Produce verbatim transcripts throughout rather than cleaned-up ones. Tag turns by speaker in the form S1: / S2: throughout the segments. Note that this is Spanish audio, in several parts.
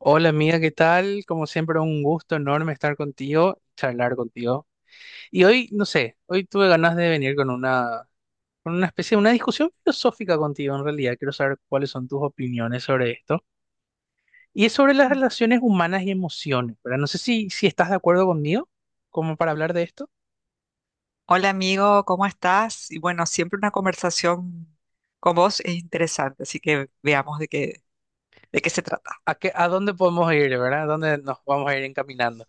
S1: Hola amiga, ¿qué tal? Como siempre, un gusto enorme estar contigo, charlar contigo. Y hoy, no sé, hoy tuve ganas de venir con una, con una especie de una discusión filosófica contigo en realidad. Quiero saber cuáles son tus opiniones sobre esto. Y es sobre las relaciones humanas y emociones, ¿verdad? No sé si, si estás de acuerdo conmigo, como para hablar de esto.
S2: Hola amigo, ¿cómo estás? Y bueno, siempre una conversación con vos es interesante, así que veamos de qué, de qué se trata.
S1: ¿A qué, a dónde podemos ir, ¿verdad? ¿A dónde nos vamos a ir encaminando?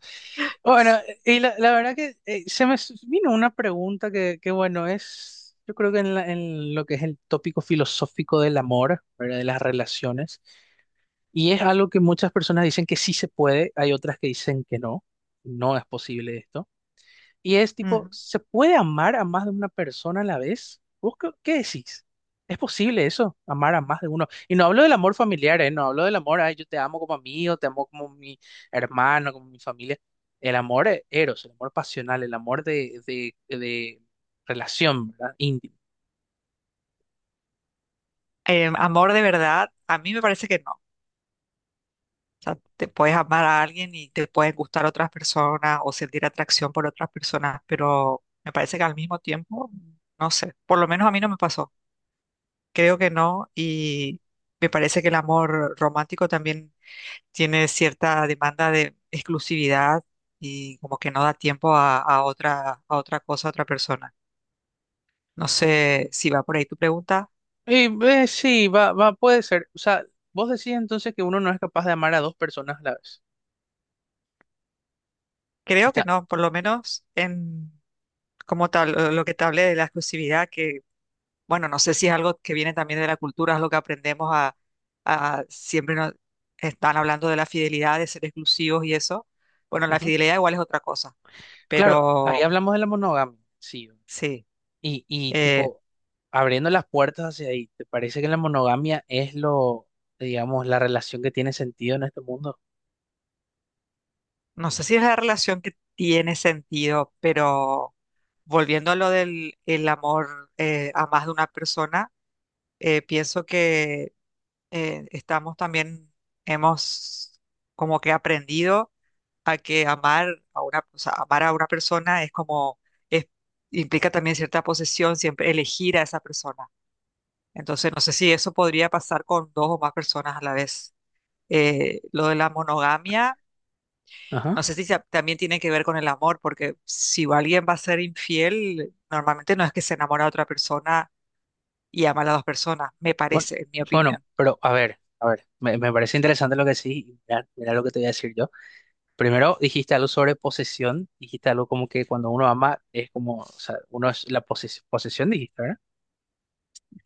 S1: Bueno, y la, la verdad que eh, se me s- vino una pregunta que, que, bueno, es, yo creo que en, la- en lo que es el tópico filosófico del amor, ¿verdad? De las relaciones, y es algo que muchas personas dicen que sí se puede, hay otras que dicen que no, no es posible esto. Y es tipo,
S2: Ujú.
S1: ¿se puede amar a más de una persona a la vez? ¿Vos qué, qué decís? ¿Es posible eso? Amar a más de uno. Y no hablo del amor familiar, ¿eh? No hablo del amor, ay, yo te amo como amigo, te amo como mi hermano, como mi familia. El amor eh, eros, el amor pasional, el amor de, de, de relación, ¿verdad? Íntimo.
S2: Eh, amor de verdad, a mí me parece que no. O sea, te puedes amar a alguien y te pueden gustar otras personas o sentir atracción por otras personas, pero me parece que al mismo tiempo, no sé, por lo menos a mí no me pasó. Creo que no y me parece que el amor romántico también tiene cierta demanda de exclusividad y como que no da tiempo a, a otra, a otra cosa, a otra persona. No sé si va por ahí tu pregunta.
S1: Y, eh, sí, va, va, puede ser. O sea, vos decís entonces que uno no es capaz de amar a dos personas a la vez.
S2: Creo que
S1: Está,
S2: no, por lo menos en como tal, eh, lo que te hablé de la exclusividad, que bueno, no sé si es algo que viene también de la cultura, es lo que aprendemos a, a- siempre nos están hablando de la fidelidad, de ser exclusivos y eso. Bueno, la
S1: ujú.
S2: fidelidad igual es otra cosa,
S1: Claro, ahí
S2: pero
S1: hablamos de la monogamia, sí.
S2: sí.
S1: Y, y
S2: eh,
S1: tipo, abriendo las puertas hacia ahí, ¿te parece que la monogamia es lo, digamos, la relación que tiene sentido en este mundo?
S2: No sé si es la relación que tiene sentido, pero volviendo a lo del el amor eh, a más de una persona, eh, pienso que eh, estamos también, hemos como que aprendido a que amar a una, o sea, amar a una persona es como, es- implica también cierta posesión, siempre elegir a esa persona. Entonces, no sé si eso podría pasar con dos o más personas a la vez. Eh, lo de la monogamia. No
S1: Ajá.
S2: sé si se- también tiene que ver con el amor, porque si alguien va a ser infiel, normalmente no es que se enamora de otra persona y ama a las dos personas, me
S1: Bueno,
S2: parece, en mi
S1: bueno,
S2: opinión.
S1: pero a ver, a ver, me, me parece interesante lo que decís, y mira, mira lo que te voy a decir yo. Primero dijiste algo sobre posesión, dijiste algo como que cuando uno ama es como, o sea, uno es la poses- posesión, dijiste, ¿verdad?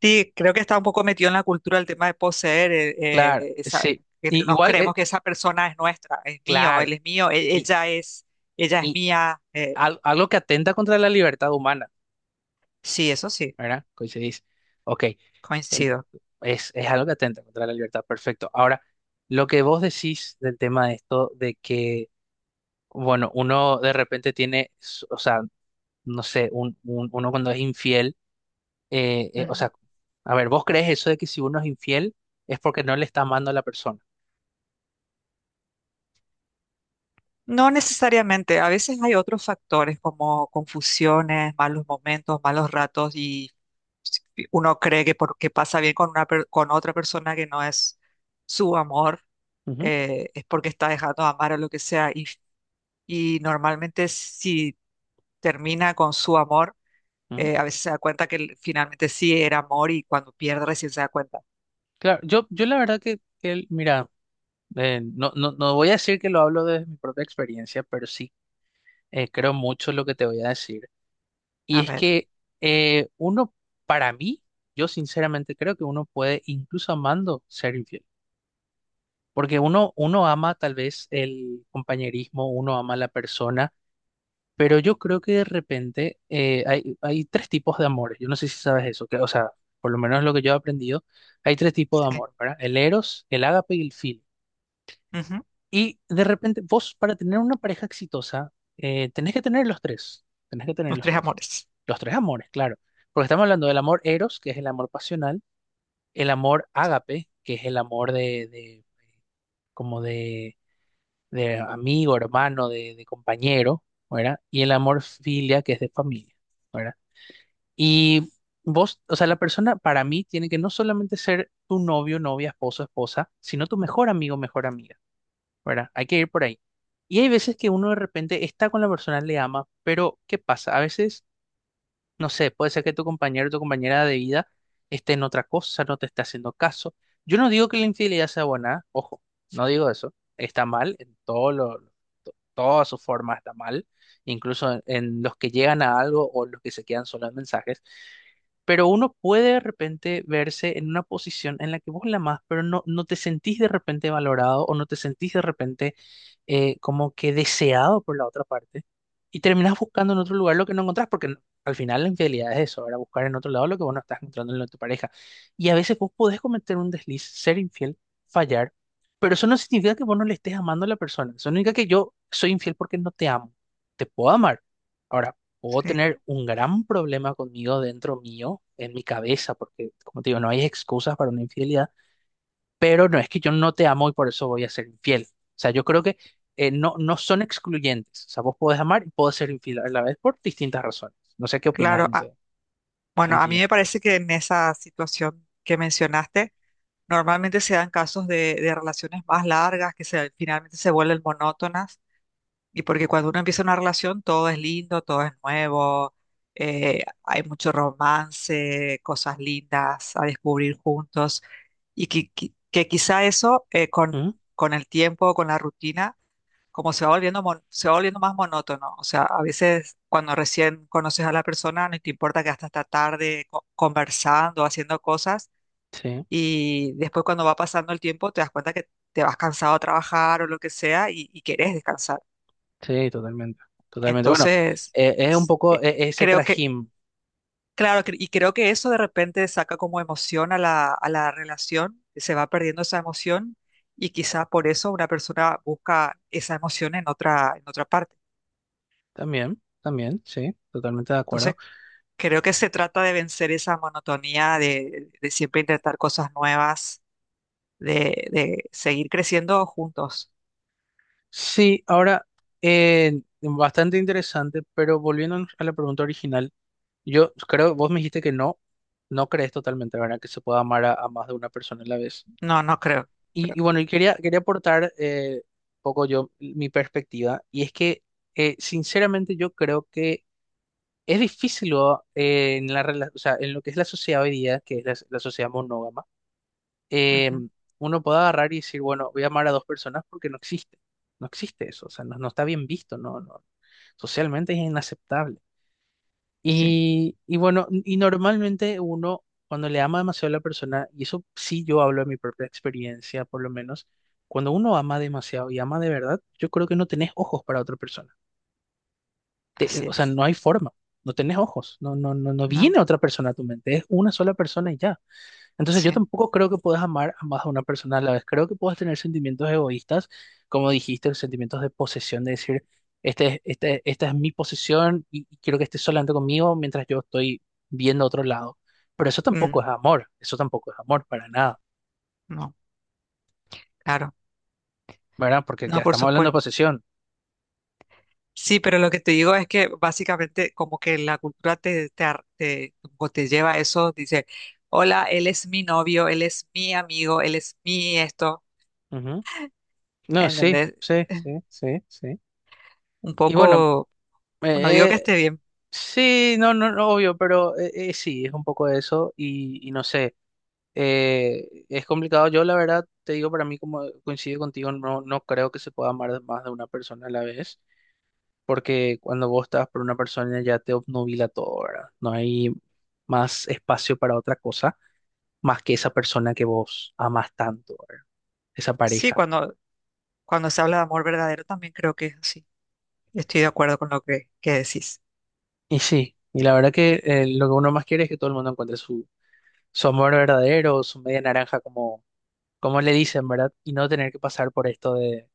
S2: Sí, creo que está un poco metido en la cultura el tema de poseer, eh,
S1: Claro,
S2: eh, esa-
S1: sí,
S2: que
S1: y,
S2: nos
S1: igual, eh,
S2: creemos que esa persona es nuestra, es mío,
S1: claro,
S2: él es mío, e-
S1: y,
S2: ella es, ella es
S1: y
S2: mía. Eh,
S1: al- algo que atenta contra la libertad humana,
S2: sí, eso sí,
S1: ¿verdad? Coincidís. Ok, ent-
S2: coincido.
S1: es, es algo que atenta contra la libertad, perfecto. Ahora, lo que vos decís del tema de esto, de que... Bueno, uno de repente tiene, s- o sea, no sé, un, un- uno cuando es infiel, eh, eh, o sea, a ver, ¿vos crees eso de que si uno es infiel es porque no le está amando a la persona?
S2: No necesariamente, a veces hay otros factores como confusiones, malos momentos, malos ratos y si uno cree que porque pasa bien con una per- con otra persona que no es su amor,
S1: Ujú,
S2: eh, es porque está dejando de amar o lo que sea y, y normalmente si termina con su amor,
S1: ujú.
S2: eh, a veces se da cuenta que l- finalmente sí era amor y cuando pierde recién se da cuenta.
S1: Claro, yo, yo la verdad que, que, mira, eh, no, no, no voy a decir que lo hablo desde mi propia experiencia, pero sí eh, creo mucho lo que te voy a decir. Y
S2: A
S1: es
S2: ver,
S1: que eh, uno, para mí, yo sinceramente creo que uno puede, incluso amando, ser infiel. Porque uno, uno ama tal vez el compañerismo, uno ama a la persona, pero yo creo que de repente eh, hay, hay tres tipos de amores. Yo no sé si sabes eso, que, o sea, por lo menos lo que yo he aprendido, hay tres tipos de
S2: sí.
S1: amor, ¿verdad? El eros, el ágape y el filia.
S2: Ujú.
S1: Y de repente vos para tener una pareja exitosa, eh, tenés que tener los tres, tenés que tener
S2: Los
S1: los
S2: tres
S1: tres,
S2: amores.
S1: los tres amores, claro, porque estamos hablando del amor eros, que es el amor pasional, el amor ágape, que es el amor de, de como de, de amigo, hermano, de, de compañero, ¿verdad? Y el amor filia, que es de familia, ¿verdad? Y vos, o sea, la persona para mí tiene que no solamente ser tu novio, novia, esposo, esposa, sino tu mejor amigo, mejor amiga. ¿Verdad? Hay que ir por ahí. Y hay veces que uno de repente está con la persona, le ama, pero ¿qué pasa? A veces no sé, puede ser que tu compañero o tu compañera de vida esté en otra cosa, no te esté haciendo caso. Yo no digo que la infidelidad sea buena, ojo, no digo eso. Está mal, en todo lo, to- todas sus formas está mal, incluso en, en los que llegan a algo o los que se quedan solo en mensajes. Pero uno puede de repente verse en una posición en la que vos la amás, pero no, no te sentís de repente valorado o no te sentís de repente eh, como que deseado por la otra parte. Y terminás buscando en otro lugar lo que no encontrás, porque al final la infidelidad es eso, ahora buscar en otro lado lo que vos no estás encontrando en tu pareja. Y a veces vos podés cometer un desliz, ser infiel, fallar, pero eso no significa que vos no le estés amando a la persona. Eso no significa que yo soy infiel porque no te amo. Te puedo amar. Ahora, puedo
S2: Sí,
S1: tener un gran problema conmigo dentro mío, en mi cabeza, porque como te digo, no hay excusas para una infidelidad pero no es que yo no te amo y por eso voy a ser infiel. O sea, yo creo que eh, no, no son excluyentes. O sea, vos podés amar y podés ser infiel a la vez por distintas razones. No sé qué opinás
S2: claro.
S1: en
S2: ah,
S1: ese
S2: Bueno, a mí
S1: sentido.
S2: me parece que en esa situación que mencionaste, normalmente se dan casos de, de relaciones más largas que se, finalmente se vuelven monótonas y porque cuando uno empieza una relación todo es lindo, todo es nuevo, eh, hay mucho romance, cosas lindas a descubrir juntos y que, qui- que quizá eso eh, con,
S1: ¿Mm?
S2: con el tiempo, con la rutina como se va volviendo, mon- se va volviendo más monótono. O sea, a veces cuando recién conoces a la persona, no te importa que hasta esta tarde co- conversando, haciendo cosas,
S1: Sí,
S2: y después cuando va pasando el tiempo, te das cuenta que te vas cansado a trabajar o lo que sea y, y querés descansar.
S1: sí, totalmente. Totalmente. Bueno,
S2: Entonces,
S1: eh, es un
S2: s-
S1: poco
S2: eh,
S1: eh, ese
S2: creo que,
S1: trajín.
S2: claro, cre- y creo que eso de repente saca como emoción a la, a la relación, se va perdiendo esa emoción. Y quizá por eso una persona busca esa emoción en otra, en otra parte.
S1: También, también, sí, totalmente de acuerdo.
S2: Entonces creo que se trata de vencer esa monotonía de, de siempre intentar cosas nuevas, de, de seguir creciendo juntos.
S1: Sí, ahora, eh, bastante interesante, pero volviendo a la pregunta original, yo creo, vos me dijiste que no, no crees totalmente, ¿verdad? Que se pueda amar a a más de una persona a la vez.
S2: No, no creo.
S1: Y,
S2: Creo.
S1: y bueno, y quería, quería aportar eh, un poco yo mi perspectiva, y es que eh, sinceramente yo creo que es difícil o, eh, en la, rela- o sea, en lo que es la sociedad hoy día, que es la, la sociedad monógama, eh,
S2: Ujú.
S1: uno puede agarrar y decir, bueno, voy a amar a dos personas porque no existe, no existe eso, o sea, no, no está bien visto, no, no, socialmente es inaceptable.
S2: Sí,
S1: Y, y bueno, y normalmente uno, cuando le ama demasiado a la persona, y eso sí yo hablo de mi propia experiencia, por lo menos, cuando uno ama demasiado y ama de verdad, yo creo que no tenés ojos para otra persona. Te- eh,
S2: así
S1: o sea,
S2: es.
S1: no hay forma, no tenés ojos, no, no, no, no
S2: No,
S1: viene otra persona a tu mente, es una sola persona y ya. Entonces yo
S2: sí.
S1: tampoco creo que puedas amar a más a una persona a la vez. Creo que puedas tener sentimientos egoístas, como dijiste, los sentimientos de posesión, de decir, este, es- este, esta es mi posesión y, y quiero que estés solamente conmigo mientras yo estoy viendo otro lado. Pero eso tampoco
S2: Mm,
S1: es amor, eso tampoco es amor para nada,
S2: no, claro.
S1: ¿verdad? Porque ya
S2: No, por
S1: estamos hablando de
S2: supuesto.
S1: posesión.
S2: Sí, pero lo que te digo es que básicamente como que la cultura te, te, ar- te, como te lleva a eso, dice, hola, él es mi novio, él es mi amigo, él es mi esto,
S1: Ujú. No, sí,
S2: ¿entendés?
S1: sí, sí, sí, sí.
S2: Un
S1: Y bueno,
S2: poco, no digo
S1: eh,
S2: que
S1: eh,
S2: esté bien.
S1: sí, no, no, no, obvio, pero eh, eh, sí, es un poco eso y, y no sé. Eh, es complicado. Yo, la verdad, te digo, para mí, como coincido contigo, no, no creo que se pueda amar más de una persona a la vez, porque cuando vos estás por una persona ya te obnubila todo, ¿verdad? No hay más espacio para otra cosa más que esa persona que vos amas tanto, ¿verdad? Esa
S2: Sí,
S1: pareja.
S2: cuando Cuando se habla de amor verdadero, también creo que es así. Estoy de acuerdo con lo que, que decís.
S1: Y sí, y la verdad que eh, lo que uno más quiere es que todo el mundo encuentre su, su amor verdadero, su media naranja, como le dicen, ¿verdad? Y no tener que pasar por esto de,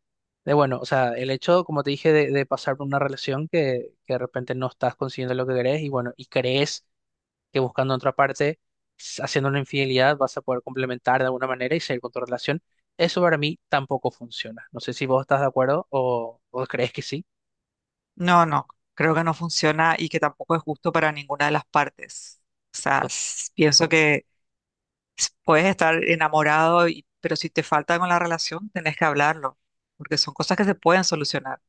S1: de bueno, o sea, el hecho, como te dije, de, de pasar por una relación que, que de repente no estás consiguiendo lo que querés y bueno, y crees que buscando en otra parte, s- haciendo una infidelidad, vas a poder complementar de alguna manera y seguir con tu relación. Eso para mí tampoco funciona. No sé si vos estás de acuerdo o, o crees que sí.
S2: No, no, creo que no funciona y que tampoco es justo para ninguna de las partes. O sea,
S1: To-
S2: s- pienso que s- puedes estar enamorado, y- pero si te falta algo en la relación, tenés que hablarlo, porque son cosas que se pueden solucionar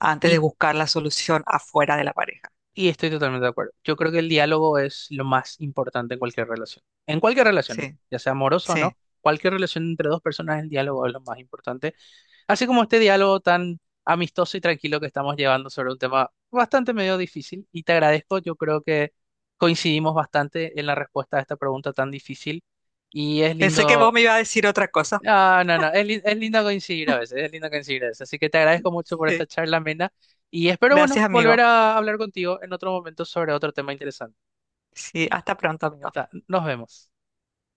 S2: antes de
S1: Y,
S2: buscar la solución afuera de la pareja.
S1: y estoy totalmente de acuerdo. Yo creo que el diálogo es lo más importante en cualquier relación. En cualquier relación, ¿eh?
S2: Sí,
S1: Ya sea amorosa o
S2: sí.
S1: no, cualquier relación entre dos personas, el diálogo es lo más importante. Así como este diálogo tan amistoso y tranquilo que estamos llevando sobre un tema bastante medio difícil, y te agradezco, yo creo que coincidimos bastante en la respuesta a esta pregunta tan difícil, y es
S2: Pensé que vos
S1: lindo,
S2: me ibas a decir otra cosa.
S1: ah, no, no, es, li- es lindo coincidir a veces, es lindo coincidir a veces, así que te agradezco mucho por esta
S2: Sí.
S1: charla amena, y espero, bueno,
S2: Gracias,
S1: volver
S2: amigo.
S1: a hablar contigo en otro momento sobre otro tema interesante.
S2: Sí, hasta pronto, amigo.
S1: Hasta, nos vemos.